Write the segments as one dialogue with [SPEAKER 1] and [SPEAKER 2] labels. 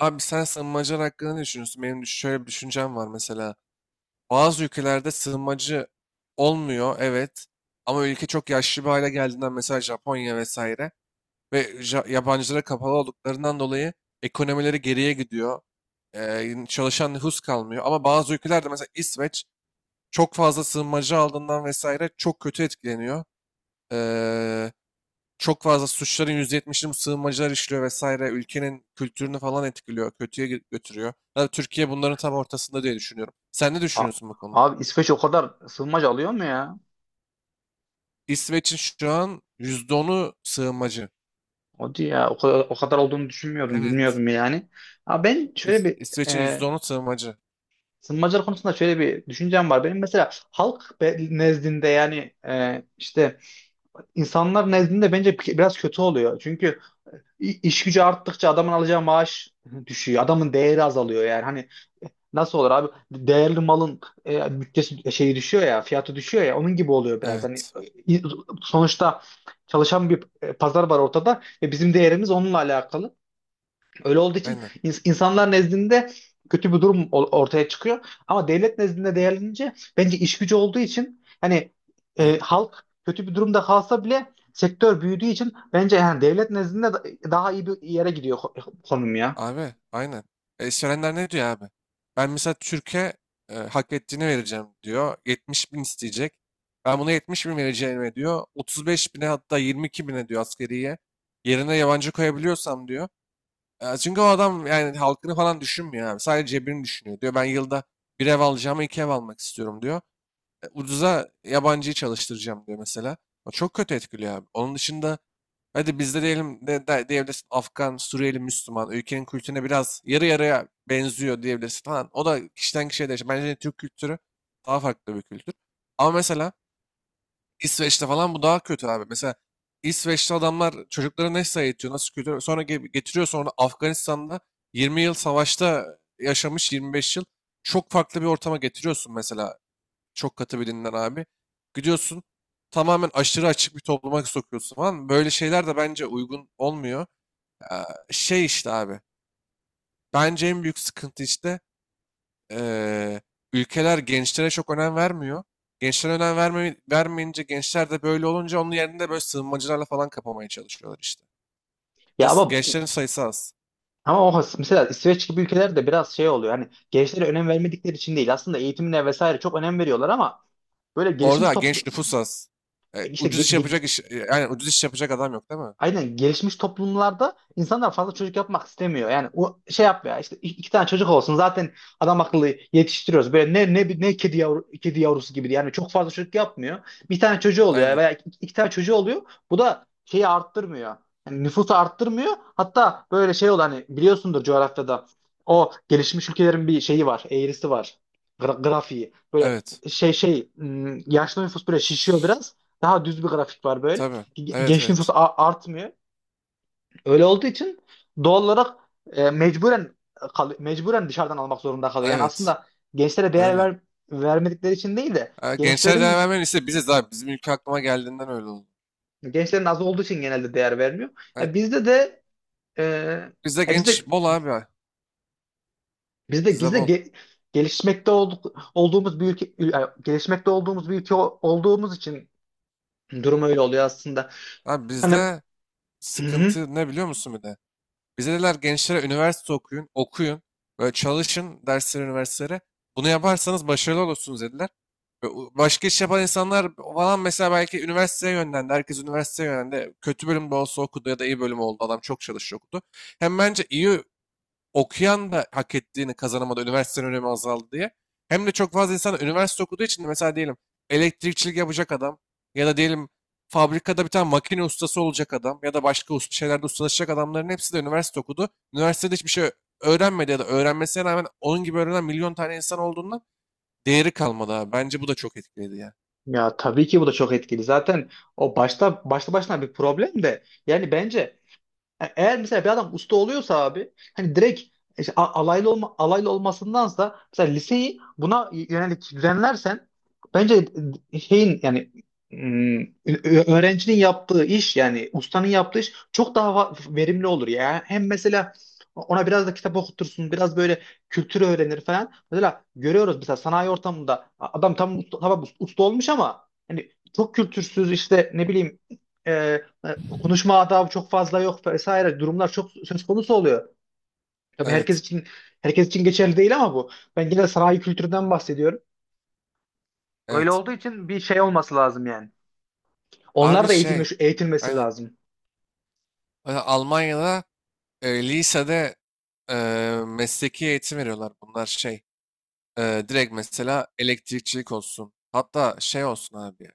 [SPEAKER 1] Abi sen sığınmacılar hakkında ne düşünüyorsun? Benim şöyle bir düşüncem var mesela. Bazı ülkelerde sığınmacı olmuyor, evet. Ama ülke çok yaşlı bir hale geldiğinden, mesela Japonya vesaire ve yabancılara kapalı olduklarından dolayı ekonomileri geriye gidiyor. Çalışan nüfus kalmıyor. Ama bazı ülkelerde, mesela İsveç, çok fazla sığınmacı aldığından vesaire çok kötü etkileniyor, çok fazla suçların %70'ini bu sığınmacılar işliyor vesaire. Ülkenin kültürünü falan etkiliyor, kötüye götürüyor. Ya Türkiye bunların tam ortasında diye düşünüyorum. Sen ne
[SPEAKER 2] A-
[SPEAKER 1] düşünüyorsun bu konuda?
[SPEAKER 2] Abi İsveç o kadar sığınmacı alıyor mu ya?
[SPEAKER 1] İsveç'in şu an %10'u sığınmacı.
[SPEAKER 2] Hadi ya, o kadar olduğunu düşünmüyordum,
[SPEAKER 1] Evet.
[SPEAKER 2] bilmiyordum yani. Ama ben şöyle bir
[SPEAKER 1] İsveç'in
[SPEAKER 2] e,
[SPEAKER 1] %10'u sığınmacı.
[SPEAKER 2] sığınmacılar konusunda şöyle bir düşüncem var. Benim mesela halk nezdinde, yani işte insanlar nezdinde bence biraz kötü oluyor. Çünkü gücü arttıkça adamın alacağı maaş düşüyor. Adamın değeri azalıyor yani. Hani, nasıl olur abi? Değerli malın bütçesi, şeyi düşüyor ya, fiyatı düşüyor ya. Onun gibi oluyor biraz. Hani,
[SPEAKER 1] Evet.
[SPEAKER 2] e, sonuçta çalışan bir pazar var ortada ve bizim değerimiz onunla alakalı. Öyle olduğu için
[SPEAKER 1] Aynen.
[SPEAKER 2] insanlar nezdinde kötü bir durum ortaya çıkıyor. Ama devlet nezdinde değerlenince, bence iş gücü olduğu için, hani
[SPEAKER 1] Evet.
[SPEAKER 2] halk kötü bir durumda kalsa bile sektör büyüdüğü için bence yani devlet nezdinde daha iyi bir yere gidiyor konum ya.
[SPEAKER 1] Abi, aynen. İşverenler ne diyor abi? Ben mesela Türkiye hak ettiğini vereceğim diyor. 70 bin isteyecek. Ben buna 70 bin vereceğim diyor. 35 bine, hatta 22 bine diyor askeriye. Yerine yabancı koyabiliyorsam diyor. Çünkü o adam yani halkını falan düşünmüyor abi. Sadece cebini düşünüyor. Diyor ben yılda bir ev alacağıma iki ev almak istiyorum diyor, ucuza yabancıyı çalıştıracağım diyor mesela. O çok kötü etkiliyor abi. Onun dışında hadi bizde diyelim, diyebilirsin Afgan, Suriyeli, Müslüman ülkenin kültürüne biraz yarı yarıya benziyor diyebilirsin falan. O da kişiden kişiye değişir. Bence Türk kültürü daha farklı bir kültür. Ama mesela İsveç'te falan bu daha kötü abi. Mesela İsveç'te adamlar çocukları nasıl eğitiyor, nasıl kültür sonra getiriyor, sonra Afganistan'da 20 yıl savaşta yaşamış, 25 yıl, çok farklı bir ortama getiriyorsun mesela, çok katı bir dinden abi. Gidiyorsun, tamamen aşırı açık bir topluma sokuyorsun falan. Böyle şeyler de bence uygun olmuyor. Ee, Şey işte abi. Bence en büyük sıkıntı işte ee, ülkeler gençlere çok önem vermiyor. Gençlere önem verme, vermeyince, gençler de böyle olunca onun yerinde böyle sığınmacılarla falan kapamaya çalışıyorlar işte.
[SPEAKER 2] Ya
[SPEAKER 1] Nasıl?
[SPEAKER 2] ama
[SPEAKER 1] Gençlerin sayısı az.
[SPEAKER 2] Ama o mesela İsveç gibi ülkelerde biraz şey oluyor. Hani, gençlere önem vermedikleri için değil. Aslında eğitimine vesaire çok önem veriyorlar ama böyle gelişmiş
[SPEAKER 1] Orada
[SPEAKER 2] toplum
[SPEAKER 1] genç nüfus az.
[SPEAKER 2] işte.
[SPEAKER 1] Ucuz iş yapacak iş, yani ucuz iş yapacak adam yok, değil mi?
[SPEAKER 2] Aynen, gelişmiş toplumlarda insanlar fazla çocuk yapmak istemiyor. Yani o şey yap ya, işte iki tane çocuk olsun zaten, adam akıllı yetiştiriyoruz. Böyle ne kedi yavrusu gibi yani, çok fazla çocuk yapmıyor. Bir tane çocuğu oluyor
[SPEAKER 1] Aynen.
[SPEAKER 2] veya iki tane çocuğu oluyor. Bu da şeyi arttırmıyor. Yani nüfusu arttırmıyor. Hatta böyle şey olan, hani biliyorsundur, coğrafyada o gelişmiş ülkelerin bir şeyi var, eğrisi var. Grafiği. Böyle
[SPEAKER 1] Evet.
[SPEAKER 2] yaşlı nüfus böyle şişiyor biraz. Daha düz bir grafik var böyle,
[SPEAKER 1] Tabii. Evet,
[SPEAKER 2] genç nüfus
[SPEAKER 1] evet.
[SPEAKER 2] artmıyor. Öyle olduğu için doğal olarak mecburen, mecburen dışarıdan almak zorunda kalıyor. Yani
[SPEAKER 1] Evet.
[SPEAKER 2] aslında gençlere değer
[SPEAKER 1] Öyle.
[SPEAKER 2] vermedikleri için değil de
[SPEAKER 1] Ha, gençler değer
[SPEAKER 2] gençlerin
[SPEAKER 1] vermeyen ise biziz abi. Bizim ülke aklıma geldiğinden öyle oldu.
[SPEAKER 2] gençlerin az olduğu için genelde değer vermiyor.
[SPEAKER 1] Ha,
[SPEAKER 2] Ya bizde de e,
[SPEAKER 1] bizde
[SPEAKER 2] ya bizde
[SPEAKER 1] genç bol abi.
[SPEAKER 2] bizde
[SPEAKER 1] Bizde
[SPEAKER 2] bizde
[SPEAKER 1] bol.
[SPEAKER 2] gelişmekte olduğumuz bir ülke, yani gelişmekte olduğumuz bir ülke o- olduğumuz için durum öyle oluyor aslında.
[SPEAKER 1] Abi,
[SPEAKER 2] Hani.
[SPEAKER 1] bizde sıkıntı ne biliyor musun bir de? Bize dediler gençlere, üniversite okuyun, okuyun. Böyle çalışın derslere, üniversitelere. Bunu yaparsanız başarılı olursunuz dediler. Ve başka iş yapan insanlar falan mesela belki üniversiteye yönlendi. Herkes üniversiteye yönlendi. Kötü bölümde olsa okudu, ya da iyi bölüm oldu. Adam çok çalışıyor, okudu. Hem bence iyi okuyan da hak ettiğini kazanamadı, üniversitenin önemi azaldı diye. Hem de çok fazla insan üniversite okuduğu için de, mesela diyelim elektrikçilik yapacak adam ya da diyelim fabrikada bir tane makine ustası olacak adam ya da başka usta şeylerde ustalaşacak adamların hepsi de üniversite okudu. Üniversitede hiçbir şey öğrenmedi, ya da öğrenmesine rağmen onun gibi öğrenen milyon tane insan olduğundan değeri kalmadı abi. Bence bu da çok etkiledi ya.
[SPEAKER 2] Ya tabii ki bu da çok etkili. Zaten o başta başta başına bir problem de yani bence. Eğer mesela bir adam usta oluyorsa abi, hani direkt işte alaylı olmasındansa mesela liseyi buna yönelik düzenlersen bence şeyin, yani, mm, öğrencinin yaptığı iş, yani ustanın yaptığı iş çok daha verimli olur ya. Hem mesela ona biraz da kitap okutursun, biraz böyle kültürü öğrenir falan. Mesela görüyoruz, mesela sanayi ortamında adam tamam usta olmuş ama hani çok kültürsüz işte, ne bileyim, konuşma adabı çok fazla yok, vesaire durumlar çok söz konusu oluyor. Tabii
[SPEAKER 1] Evet,
[SPEAKER 2] herkes için geçerli değil ama bu. Ben yine sanayi kültüründen bahsediyorum. Öyle
[SPEAKER 1] evet.
[SPEAKER 2] olduğu için bir şey olması lazım yani. Onlar
[SPEAKER 1] Abi
[SPEAKER 2] da
[SPEAKER 1] şey,
[SPEAKER 2] eğitilmesi
[SPEAKER 1] aynen.
[SPEAKER 2] lazım.
[SPEAKER 1] Mesela Almanya'da, lisede, e, mesleki eğitim veriyorlar. Bunlar şey, direkt mesela elektrikçilik olsun. Hatta şey olsun abi.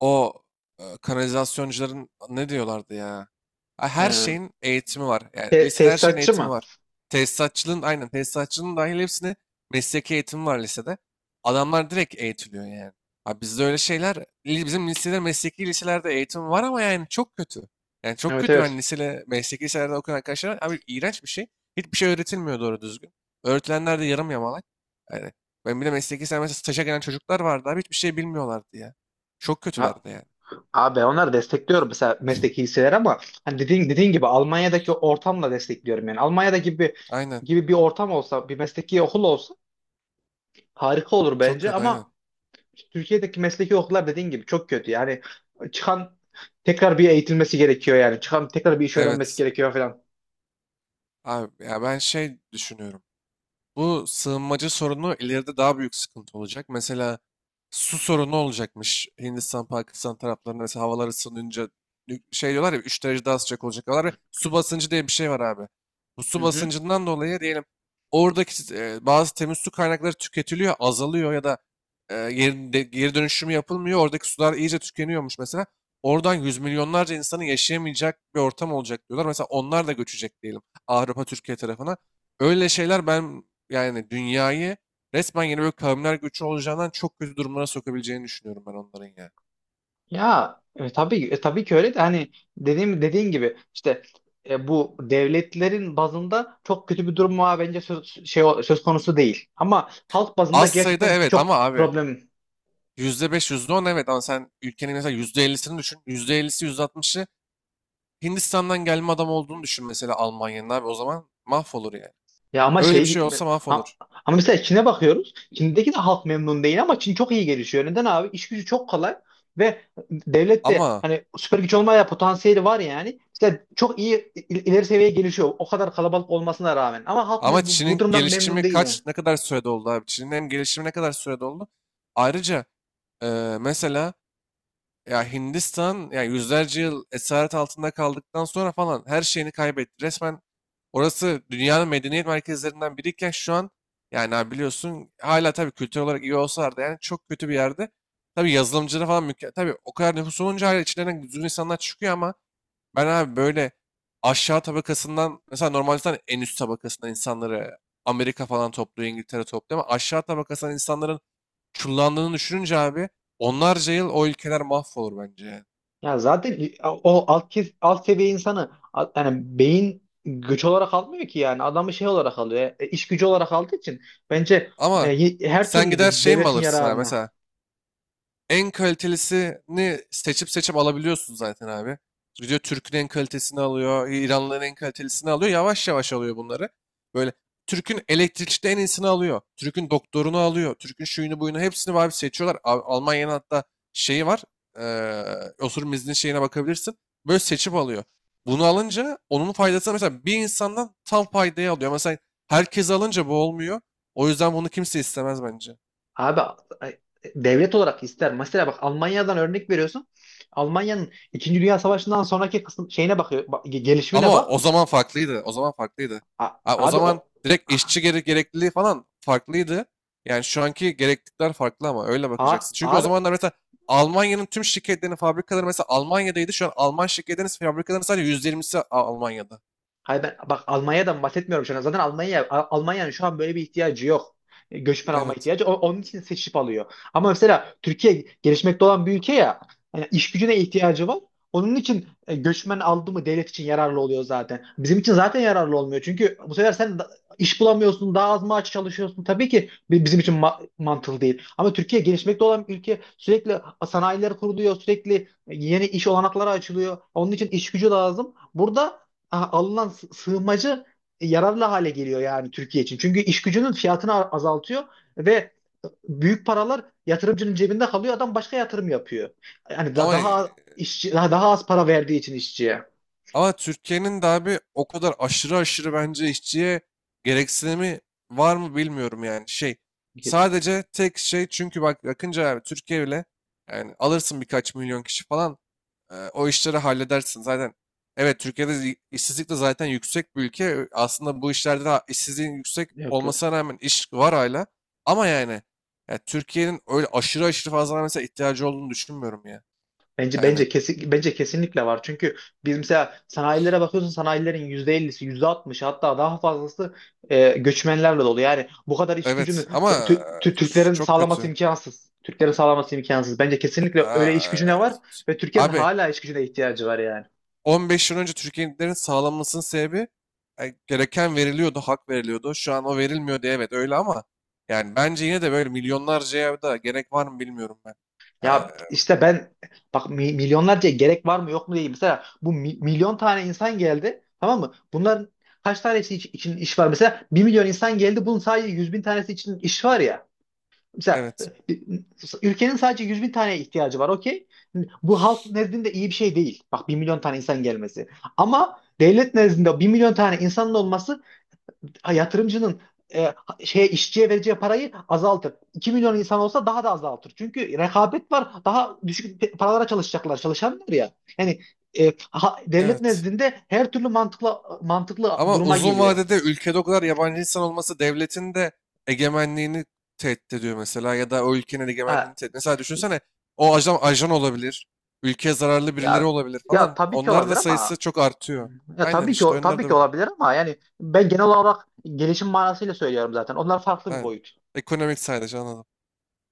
[SPEAKER 1] O, kanalizasyoncuların ne diyorlardı ya? Ha, her
[SPEAKER 2] Ee,
[SPEAKER 1] şeyin eğitimi var. Yani lisede her şeyin
[SPEAKER 2] tesisatçı
[SPEAKER 1] eğitimi
[SPEAKER 2] mı?
[SPEAKER 1] var. Tesisatçılığın, aynen tesisatçılığın dahil hepsine mesleki eğitimi var lisede. Adamlar direkt eğitiliyor yani. Ha, bizde öyle şeyler, bizim lisede, mesleki liselerde eğitim var ama yani çok kötü. Yani çok
[SPEAKER 2] Evet,
[SPEAKER 1] kötü, ben
[SPEAKER 2] evet.
[SPEAKER 1] lisede mesleki liselerde okuyan arkadaşlar var. Abi, iğrenç bir şey. Hiçbir şey öğretilmiyor doğru düzgün. Öğretilenler de yarım yamalak. Yani ben bir de mesleki, sen mesela staja gelen çocuklar vardı abi, hiçbir şey bilmiyorlardı ya. Çok
[SPEAKER 2] Ha-
[SPEAKER 1] kötülerdi yani.
[SPEAKER 2] Abi, onları destekliyorum, mesela mesleki hisseler, ama hani dediğin gibi Almanya'daki ortamla destekliyorum yani. Almanya'da gibi
[SPEAKER 1] Aynen.
[SPEAKER 2] gibi bir ortam olsa, bir mesleki okul olsa harika olur
[SPEAKER 1] Çok
[SPEAKER 2] bence,
[SPEAKER 1] kötü, aynen.
[SPEAKER 2] ama Türkiye'deki mesleki okullar dediğin gibi çok kötü. Yani çıkan tekrar bir eğitilmesi gerekiyor yani. Çıkan tekrar bir iş öğrenmesi
[SPEAKER 1] Evet.
[SPEAKER 2] gerekiyor falan.
[SPEAKER 1] Abi ya, ben şey düşünüyorum. Bu sığınmacı sorunu ileride daha büyük sıkıntı olacak. Mesela su sorunu olacakmış. Hindistan, Pakistan taraflarında mesela havalar ısınınca, şey diyorlar ya, 3 derece daha sıcak olacak diyorlar. Ya, su basıncı diye bir şey var abi. Bu
[SPEAKER 2] Hı
[SPEAKER 1] su
[SPEAKER 2] hı.
[SPEAKER 1] basıncından dolayı diyelim, oradaki bazı temiz su kaynakları tüketiliyor, azalıyor, ya da geri dönüşümü yapılmıyor. Oradaki sular iyice tükeniyormuş mesela. Oradan yüz milyonlarca insanın yaşayamayacak bir ortam olacak diyorlar. Mesela onlar da göçecek diyelim Avrupa, Türkiye tarafına. Öyle şeyler, ben yani dünyayı resmen yeni böyle kavimler göçü olacağından çok kötü durumlara sokabileceğini düşünüyorum ben onların ya.
[SPEAKER 2] Ya, tabii ki öyle de, hani dediğin gibi işte bu devletlerin bazında çok kötü bir durum var, bence söz konusu değil. Ama halk bazında
[SPEAKER 1] Az sayıda
[SPEAKER 2] gerçekten
[SPEAKER 1] evet
[SPEAKER 2] çok
[SPEAKER 1] ama abi,
[SPEAKER 2] problem.
[SPEAKER 1] %5 yüzde on evet, ama sen ülkenin mesela %50'sini düşün. %50'si, yüzde altmışı Hindistan'dan gelme adam olduğunu düşün mesela Almanya'nın abi, o zaman mahvolur yani.
[SPEAKER 2] Ya ama
[SPEAKER 1] Öyle bir
[SPEAKER 2] şey,
[SPEAKER 1] şey olsa
[SPEAKER 2] a-
[SPEAKER 1] mahvolur.
[SPEAKER 2] ama mesela Çin'e bakıyoruz. Çin'deki de halk memnun değil ama Çin çok iyi gelişiyor. Neden abi? İş gücü çok kolay ve devlet de
[SPEAKER 1] Ama
[SPEAKER 2] hani süper güç olmaya potansiyeli var yani. İşte çok iyi ileri seviyeye gelişiyor, o kadar kalabalık olmasına rağmen. Ama halk
[SPEAKER 1] ama
[SPEAKER 2] bu
[SPEAKER 1] Çin'in
[SPEAKER 2] durumdan memnun
[SPEAKER 1] gelişimi
[SPEAKER 2] değil yani.
[SPEAKER 1] kaç, ne kadar sürede oldu abi? Çin'in hem gelişimi ne kadar sürede oldu? Ayrıca mesela, ya Hindistan, ya yüzlerce yıl esaret altında kaldıktan sonra falan her şeyini kaybetti. Resmen orası dünyanın medeniyet merkezlerinden biriyken, şu an yani abi, biliyorsun hala, tabii kültür olarak iyi olsalardı, yani çok kötü bir yerde. Tabii yazılımcıları falan mükemmel. Tabii o kadar nüfus olunca hala içlerinden düzgün insanlar çıkıyor ama ben abi, böyle aşağı tabakasından, mesela normalde zaten en üst tabakasından insanları Amerika falan topluyor, İngiltere topluyor, ama aşağı tabakasından insanların çullandığını düşününce abi, onlarca yıl o ülkeler mahvolur bence yani.
[SPEAKER 2] Ya zaten o alt seviye insanı yani beyin güç olarak almıyor ki yani. Adamı şey olarak alıyor. İş gücü olarak aldığı için bence
[SPEAKER 1] Ama
[SPEAKER 2] her
[SPEAKER 1] sen
[SPEAKER 2] türlü
[SPEAKER 1] gider şey mi
[SPEAKER 2] devletin
[SPEAKER 1] alırsın abi
[SPEAKER 2] yararına.
[SPEAKER 1] mesela? En kalitelisini seçip seçip alabiliyorsun zaten abi. Gidiyor Türk'ün en kalitesini alıyor, İranlıların en kalitelisini alıyor. Yavaş yavaş alıyor bunları. Böyle Türk'ün elektrikçide en iyisini alıyor. Türk'ün doktorunu alıyor. Türk'ün şuyunu buyunu hepsini abi seçiyorlar. Almanya'nın hatta şeyi var. eee Oturum izni şeyine bakabilirsin. Böyle seçip alıyor. Bunu alınca onun faydasını mesela bir insandan tam faydayı alıyor. Mesela herkes alınca bu olmuyor. O yüzden bunu kimse istemez bence.
[SPEAKER 2] Abi ay, devlet olarak ister. Mesela bak, Almanya'dan örnek veriyorsun. Almanya'nın İkinci Dünya Savaşı'ndan sonraki kısım şeyine bakıyor. Bak, gelişimine
[SPEAKER 1] Ama
[SPEAKER 2] bak.
[SPEAKER 1] o zaman farklıydı. O zaman farklıydı.
[SPEAKER 2] A-
[SPEAKER 1] Ha, o
[SPEAKER 2] abi o
[SPEAKER 1] zaman direkt işçi gerekliliği falan farklıydı. Yani şu anki gereklilikler farklı ama öyle
[SPEAKER 2] a-
[SPEAKER 1] bakacaksın. Çünkü o
[SPEAKER 2] abi
[SPEAKER 1] zamanlar mesela Almanya'nın tüm şirketlerinin fabrikaları mesela Almanya'daydı. Şu an Alman şirketlerinin fabrikalarının sadece %20'si Almanya'da.
[SPEAKER 2] Hayır, ben bak Almanya'dan bahsetmiyorum şu an. Zaten Almanya, Almanya'nın şu an böyle bir ihtiyacı yok. Göçmen alma
[SPEAKER 1] Evet.
[SPEAKER 2] ihtiyacı. Onun için seçip alıyor. Ama mesela Türkiye gelişmekte olan bir ülke ya. Yani iş gücüne ihtiyacı var. Onun için göçmen aldı mı devlet için yararlı oluyor zaten. Bizim için zaten yararlı olmuyor. Çünkü bu sefer sen iş bulamıyorsun, daha az maaş çalışıyorsun. Tabii ki bizim için mantıklı değil. Ama Türkiye gelişmekte olan bir ülke, sürekli sanayiler kuruluyor, sürekli yeni iş olanakları açılıyor. Onun için iş gücü lazım. Burada alınan sığınmacı yararlı hale geliyor yani Türkiye için. Çünkü iş gücünün fiyatını azaltıyor ve büyük paralar yatırımcının cebinde kalıyor. Adam başka yatırım yapıyor. Yani
[SPEAKER 1] Ama
[SPEAKER 2] daha az işçi, daha az para verdiği için işçiye.
[SPEAKER 1] ama Türkiye'nin de abi o kadar aşırı aşırı bence işçiye gereksinimi var mı bilmiyorum yani. Şey,
[SPEAKER 2] Yok,
[SPEAKER 1] sadece tek şey, çünkü bak bakınca abi, Türkiye ile yani, alırsın birkaç milyon kişi falan, o işleri halledersin. Zaten evet, Türkiye'de işsizlik de zaten yüksek bir ülke. Aslında bu işlerde de işsizliğin yüksek
[SPEAKER 2] yok.
[SPEAKER 1] olmasına rağmen iş var hala. Ama yani, ya Türkiye'nin öyle aşırı aşırı fazla mesela ihtiyacı olduğunu düşünmüyorum ya.
[SPEAKER 2] Bence
[SPEAKER 1] Yani
[SPEAKER 2] bence kesin bence kesinlikle var. Çünkü biz mesela sanayilere bakıyorsun, sanayilerin %50'si, yüzde %60'ı, hatta daha fazlası göçmenlerle dolu. Yani bu kadar iş gücünü
[SPEAKER 1] evet ama
[SPEAKER 2] Türklerin
[SPEAKER 1] çok
[SPEAKER 2] sağlaması
[SPEAKER 1] kötü.
[SPEAKER 2] imkansız. Türklerin sağlaması imkansız. Bence kesinlikle
[SPEAKER 1] Aa,
[SPEAKER 2] öyle iş gücüne var ve Türkiye'nin
[SPEAKER 1] abi,
[SPEAKER 2] hala iş gücüne ihtiyacı var yani.
[SPEAKER 1] 15 yıl önce Türkiye'nin sağlanmasının sebebi, gereken veriliyordu, hak veriliyordu. Şu an o verilmiyor diye evet, öyle ama yani bence yine de böyle milyonlarcaya da gerek var mı, bilmiyorum ben. E,
[SPEAKER 2] Ya işte ben, bak, milyonlarca gerek var mı yok mu değil. Mesela bu milyon tane insan geldi, tamam mı? Bunların kaç tanesi için iş var? Mesela 1 milyon insan geldi, bunun sadece 100 bin tanesi için iş var ya. Mesela,
[SPEAKER 1] Evet,
[SPEAKER 2] e, ülkenin sadece 100 bin tane ihtiyacı var, okey. Bu halk nezdinde iyi bir şey değil, bak, 1 milyon tane insan gelmesi. Ama devlet nezdinde 1 milyon tane insanın olması, yatırımcının e, şeye işçiye vereceği parayı azaltır. 2 milyon insan olsa daha da azaltır. Çünkü rekabet var. Daha düşük paralara çalışacaklar, çalışanlar ya. Yani devlet
[SPEAKER 1] evet.
[SPEAKER 2] nezdinde her türlü mantıklı
[SPEAKER 1] Ama
[SPEAKER 2] duruma
[SPEAKER 1] uzun
[SPEAKER 2] geliyor.
[SPEAKER 1] vadede ülkede o kadar yabancı insan olması devletin de egemenliğini tehdit ediyor, mesela, ya da o ülkenin egemenliğini
[SPEAKER 2] Ha,
[SPEAKER 1] tehdit. Mesela düşünsene o ajan, ajan olabilir, ülkeye zararlı birileri
[SPEAKER 2] ya
[SPEAKER 1] olabilir
[SPEAKER 2] ya
[SPEAKER 1] falan.
[SPEAKER 2] tabii ki
[SPEAKER 1] Onlar
[SPEAKER 2] olabilir
[SPEAKER 1] da sayısı
[SPEAKER 2] ama.
[SPEAKER 1] çok artıyor.
[SPEAKER 2] Ya
[SPEAKER 1] Aynen,
[SPEAKER 2] tabii ki
[SPEAKER 1] işte
[SPEAKER 2] o-
[SPEAKER 1] onlar
[SPEAKER 2] tabii ki
[SPEAKER 1] da
[SPEAKER 2] olabilir ama yani ben genel olarak gelişim manasıyla söylüyorum zaten. Onlar farklı bir
[SPEAKER 1] aynen.
[SPEAKER 2] boyut.
[SPEAKER 1] Ekonomik sadece, anladım.